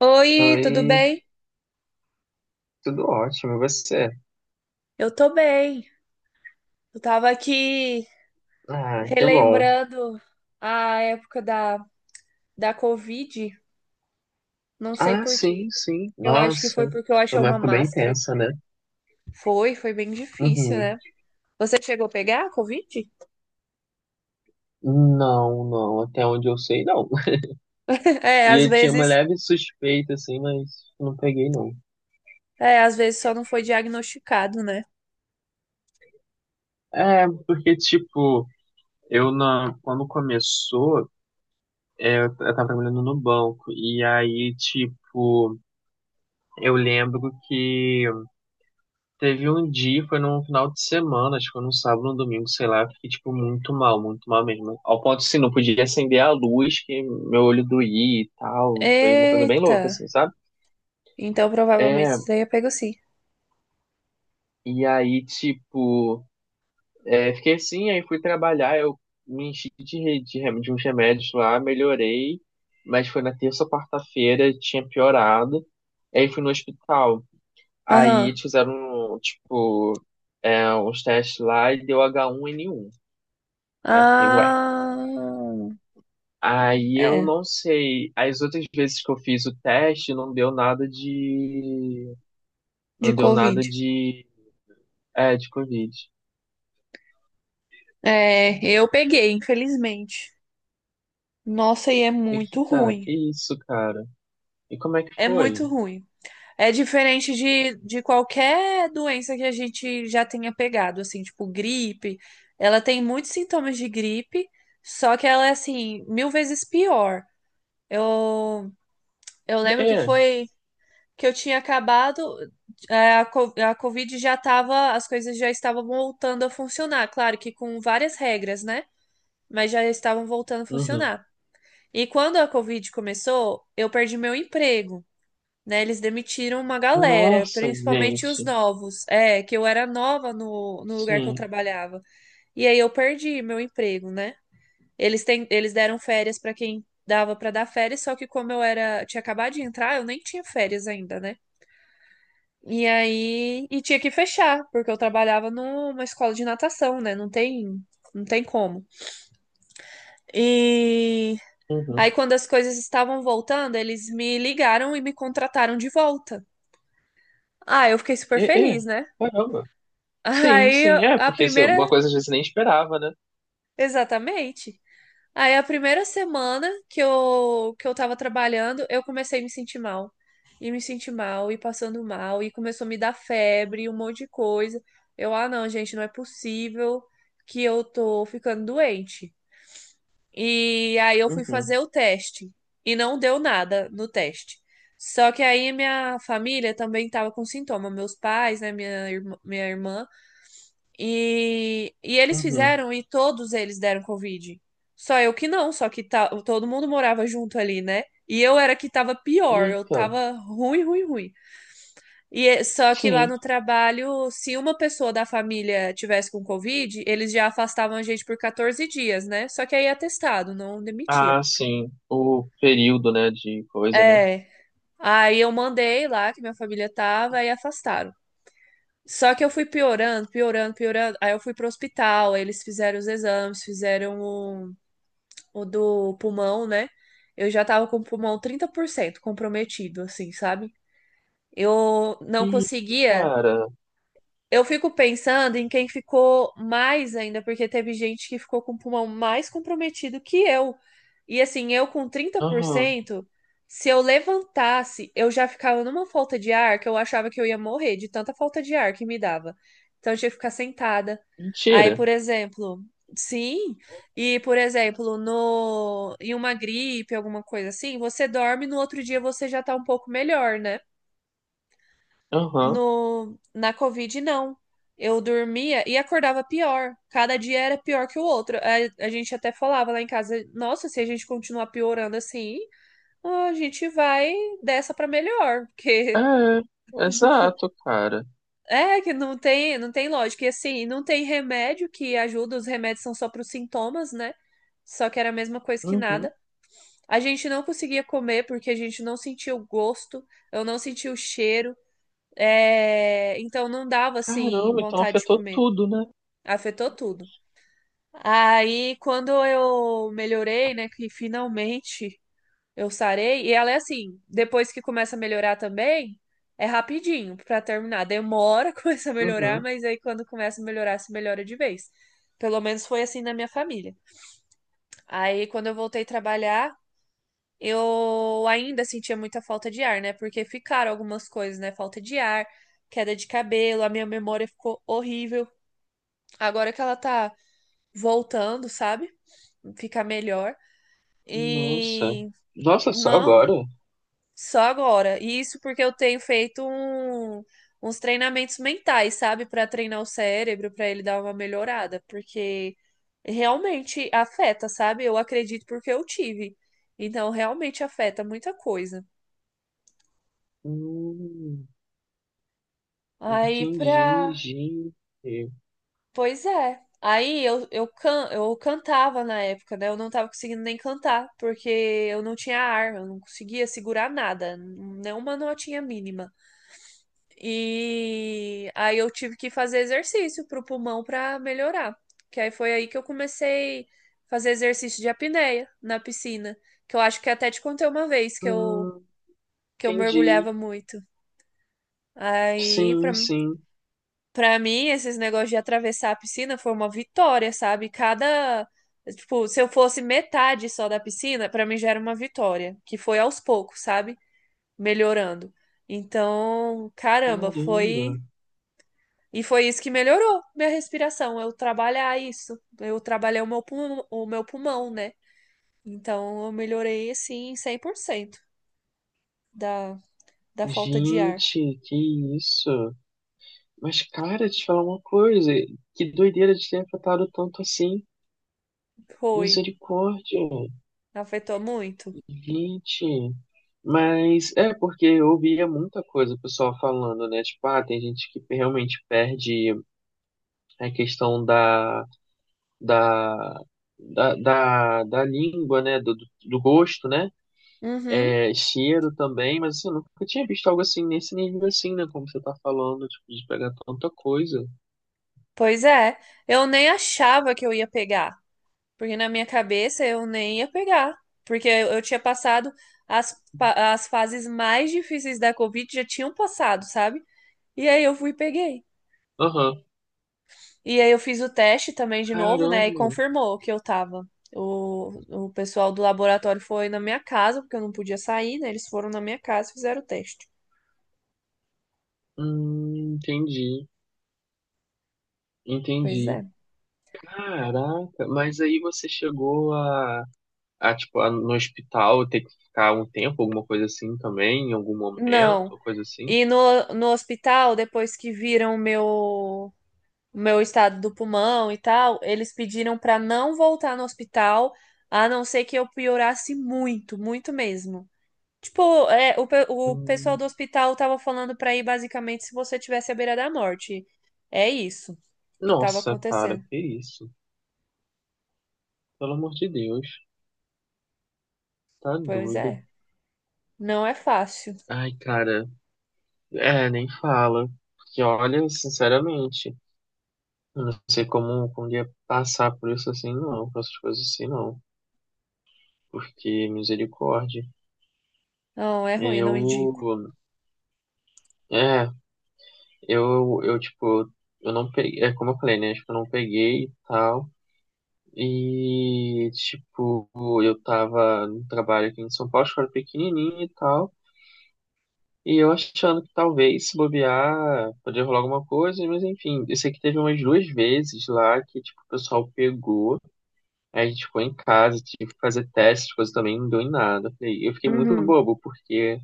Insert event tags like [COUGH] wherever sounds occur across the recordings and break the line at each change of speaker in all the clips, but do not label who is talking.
Oi, tudo
Oi,
bem?
tudo ótimo, e você?
Eu tô bem. Eu tava aqui
Ah, que bom.
relembrando a época da Covid, não sei
Ah,
por quê.
sim.
Eu acho que
Nossa,
foi porque eu
foi
achei
uma
uma
época bem
máscara
intensa,
aqui.
né?
Foi bem difícil,
Uhum.
né? Você chegou a pegar a Covid?
Não, até onde eu sei, não. [LAUGHS]
[LAUGHS] É,
E
às
eu tinha uma
vezes,
leve suspeita, assim, mas não peguei, não.
às vezes só não foi diagnosticado, né?
É, porque, tipo, quando começou, eu tava trabalhando no banco, e aí, tipo, eu lembro que teve um dia, foi num final de semana, acho que foi num sábado, num domingo, sei lá, eu fiquei, tipo, muito mal mesmo. Ao ponto, assim, não podia acender a luz, que meu olho doía e tal. Foi uma coisa bem
Eita!
louca, assim, sabe?
Então provavelmente
É,
você teria pego sim.
e aí, tipo, fiquei assim, aí fui trabalhar, eu me enchi de uns remédios lá, melhorei, mas foi na terça ou quarta-feira, tinha piorado. Aí fui no hospital. Aí
Aham.
eles fizeram, tipo, uns testes lá e deu h 1 n um. Aí eu fiquei, ué.
Ah,
Aí eu
é,
não sei. As outras vezes que eu fiz o teste, não deu nada de.
de
Não deu
Covid.
nada de. É, de Covid.
É, eu peguei, infelizmente. Nossa, e é muito
Eita,
ruim.
que isso, cara? E como é que
É muito
foi?
ruim. É diferente de qualquer doença que a gente já tenha pegado, assim, tipo gripe. Ela tem muitos sintomas de gripe, só que ela é, assim, mil vezes pior. Eu, eu
É,
lembro que
é.
foi que eu tinha acabado, a Covid já tava, as coisas já estavam voltando a funcionar. Claro que com várias regras, né? Mas já estavam voltando a
Uhum.
funcionar. E quando a Covid começou, eu perdi meu emprego, né? Eles demitiram uma galera,
Nossa,
principalmente os
gente.
novos. É, que eu era nova no lugar que eu
Sim.
trabalhava. E aí eu perdi meu emprego, né? Eles deram férias para quem dava para dar férias, só que como eu era, tinha acabado de entrar, eu nem tinha férias ainda, né? E aí, tinha que fechar, porque eu trabalhava numa escola de natação, né? Não tem como. E
Uhum.
aí, quando as coisas estavam voltando, eles me ligaram e me contrataram de volta. Ah, eu fiquei super
É,
feliz,
é.
né?
Caramba.
[LAUGHS]
Sim,
Aí,
sim, é,
a
porque uma
primeira.
coisa às vezes você nem esperava, né?
Exatamente. Aí, a primeira semana que eu tava trabalhando, eu comecei a me sentir mal. E me senti mal, e passando mal, e começou a me dar febre, um monte de coisa. Ah, não, gente, não é possível que eu tô ficando doente. E aí eu fui
Uhum.
fazer o teste e não deu nada no teste. Só que aí minha família também estava com sintoma, meus pais, né, minha irmã, e eles
Uhum.
fizeram e todos eles deram Covid. Só eu que não, só que tá, todo mundo morava junto ali, né? E eu era que tava pior, eu
Eita.
tava ruim, ruim, ruim. Só que lá
Sim.
no trabalho, se uma pessoa da família tivesse com Covid, eles já afastavam a gente por 14 dias, né? Só que aí é atestado, não demitia.
Ah, sim. O período, né, de coisa, né?
É. Aí eu mandei lá que minha família tava e afastaram. Só que eu fui piorando, piorando, piorando. Aí eu fui pro hospital, aí eles fizeram os exames, fizeram o do pulmão, né? Eu já tava com o pulmão 30% comprometido, assim, sabe? Eu não
Ih,
conseguia.
cara.
Eu fico pensando em quem ficou mais ainda, porque teve gente que ficou com o pulmão mais comprometido que eu. E assim, eu com trinta por
Aham.
cento, se eu levantasse, eu já ficava numa falta de ar que eu achava que eu ia morrer de tanta falta de ar que me dava. Então eu tinha que ficar sentada. Aí,
Mentira.
por exemplo, sim, no em uma gripe, alguma coisa assim, você dorme, no outro dia você já tá um pouco melhor, né?
Aham.
No, na Covid, não. Eu dormia e acordava pior. Cada dia era pior que o outro. A gente até falava lá em casa, nossa, se a gente continuar piorando assim, a gente vai dessa pra melhor, porque
É,
[LAUGHS] não,
exato, cara.
é que não tem, lógica. E assim, não tem remédio que ajuda, os remédios são só pros sintomas, né? Só que era a mesma coisa que
Uhum.
nada. A gente não conseguia comer porque a gente não sentia o gosto, eu não sentia o cheiro. É, então não dava assim
Caramba, então
vontade de
afetou
comer.
tudo, né?
Afetou tudo. Aí quando eu melhorei, né, que finalmente eu sarei, e ela é assim, depois que começa a melhorar também, é rapidinho pra terminar. Demora, [LAUGHS] começa a melhorar,
Uhum.
mas aí quando começa a melhorar, se melhora de vez. Pelo menos foi assim na minha família. Aí quando eu voltei a trabalhar, eu ainda sentia muita falta de ar, né? Porque ficaram algumas coisas, né? Falta de ar, queda de cabelo, a minha memória ficou horrível. Agora que ela tá voltando, sabe? Fica melhor.
Nossa.
E
Nossa, só
não,
agora?
só agora. E isso porque eu tenho feito uns treinamentos mentais, sabe? Pra treinar o cérebro, pra ele dar uma melhorada, porque realmente afeta, sabe? Eu acredito porque eu tive. Então, realmente afeta muita coisa.
Hum,
Aí pra.
entendi, gente.
Pois é. Aí eu cantava na época, né? Eu não tava conseguindo nem cantar, porque eu não tinha arma, eu não conseguia segurar nada, nenhuma notinha mínima. E aí eu tive que fazer exercício pro pulmão pra melhorar. Que aí foi aí que eu comecei a fazer exercício de apneia na piscina, que eu acho que até te contei uma vez que eu,
Hum,
que eu
entendi.
mergulhava muito. Aí, pra
Sim.
Pra mim, esses negócios de atravessar a piscina foi uma vitória, sabe? Cada, tipo, se eu fosse metade só da piscina, pra mim já era uma vitória, que foi aos poucos, sabe? Melhorando. Então, caramba,
Caramba.
foi isso que melhorou minha respiração, eu trabalhar isso. Eu trabalhei o meu pulmão, né? Então, eu melhorei assim 100% da da falta de ar.
Gente, que isso? Mas, cara, te falar uma coisa. Que doideira de ter afetado tanto assim.
Foi,
Misericórdia.
afetou muito.
Gente, mas é porque eu ouvia muita coisa o pessoal falando, né? Tipo, ah, tem gente que realmente perde a questão da, da língua, né? Do gosto, né?
Uhum.
É, cheiro também, mas assim, eu nunca tinha visto algo assim nesse nível assim, né? Como você tá falando, tipo, de pegar tanta coisa.
Pois é, eu nem achava que eu ia pegar, porque na minha cabeça eu nem ia pegar, porque eu tinha passado as fases mais difíceis da Covid, já tinham passado, sabe? E aí eu fui e peguei.
Aham.
E aí eu fiz o teste também de novo, né? E
Caramba.
confirmou que eu tava. O pessoal do laboratório foi na minha casa, porque eu não podia sair, né? Eles foram na minha casa e fizeram o teste.
Entendi.
Pois
Entendi.
é.
Caraca, mas aí você chegou a no hospital ter que ficar um tempo, alguma coisa assim também, em algum momento,
Não.
coisa assim.
E no hospital, depois que viram o meu estado do pulmão e tal, eles pediram para não voltar no hospital, a não ser que eu piorasse muito, muito mesmo. Tipo, o pessoal
Hum,
do hospital tava falando para ir basicamente se você tivesse à beira da morte. É isso que tava
Nossa, cara,
acontecendo.
que isso? Pelo amor de Deus, tá
Pois
doido.
é, não é fácil.
Ai, cara, é, nem fala. Porque olha, sinceramente, eu não sei como, como ia passar por isso assim, não, por essas coisas assim, não. Porque, misericórdia,
Não, é ruim, não
eu,
indico.
é, eu, tipo, eu não peguei, é como eu falei, né, tipo, eu não peguei e tal. E, tipo, eu tava no trabalho aqui em São Paulo, escola pequenininha e tal. E eu achando que talvez, se bobear, poderia rolar alguma coisa, mas enfim. Eu sei que teve umas 2 vezes lá que, tipo, o pessoal pegou, aí a gente ficou em casa, tive que fazer testes, coisa também, não deu em nada. Eu fiquei muito
Uhum.
bobo, porque,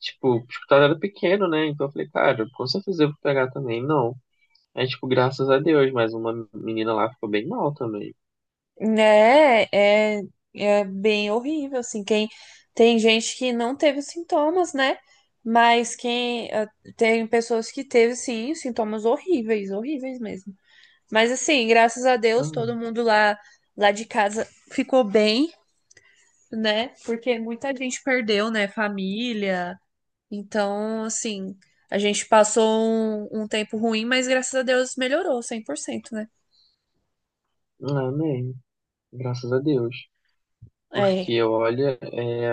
tipo, o hospital era pequeno, né? Então eu falei, cara, com certeza eu vou pegar também. Não. Aí, tipo, graças a Deus, mas uma menina lá ficou bem mal também.
Né, é bem horrível, assim, quem tem gente que não teve sintomas, né? Mas quem tem pessoas que teve sim sintomas horríveis, horríveis mesmo. Mas assim, graças a Deus,
Então,
todo mundo lá de casa ficou bem, né? Porque muita gente perdeu, né, família. Então, assim, a gente passou um tempo ruim, mas graças a Deus melhorou 100%, né?
amém. Graças a Deus.
É,
Porque, olha, é,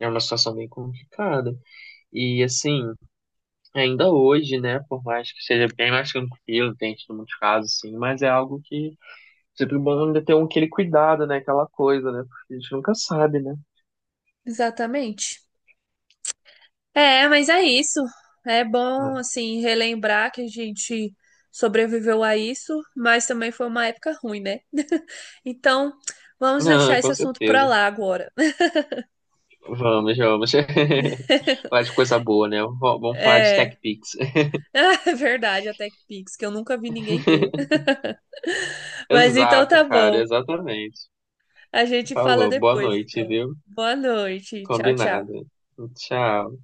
é uma situação bem complicada. E, assim, ainda hoje, né, por mais que seja bem mais tranquilo, tem tido muitos casos, sim, mas é algo que sempre é bom ainda ter um, aquele cuidado, né, aquela coisa, né, porque a gente nunca sabe, né.
exatamente. É, mas é isso. É bom, assim, relembrar que a gente sobreviveu a isso, mas também foi uma época ruim, né? [LAUGHS] Então, vamos deixar
Não,
esse
com
assunto pra
certeza.
lá agora.
Vamos. [LAUGHS] Falar de coisa boa, né? Vamos falar de Tech
É,
Pix.
[LAUGHS] é verdade, a TechPix, que eu nunca vi ninguém ter.
[LAUGHS]
Mas então
Exato,
tá
cara,
bom.
exatamente.
A gente fala
Falou. Boa
depois,
noite,
então.
viu?
Boa noite. Tchau,
Combinado.
tchau.
Tchau.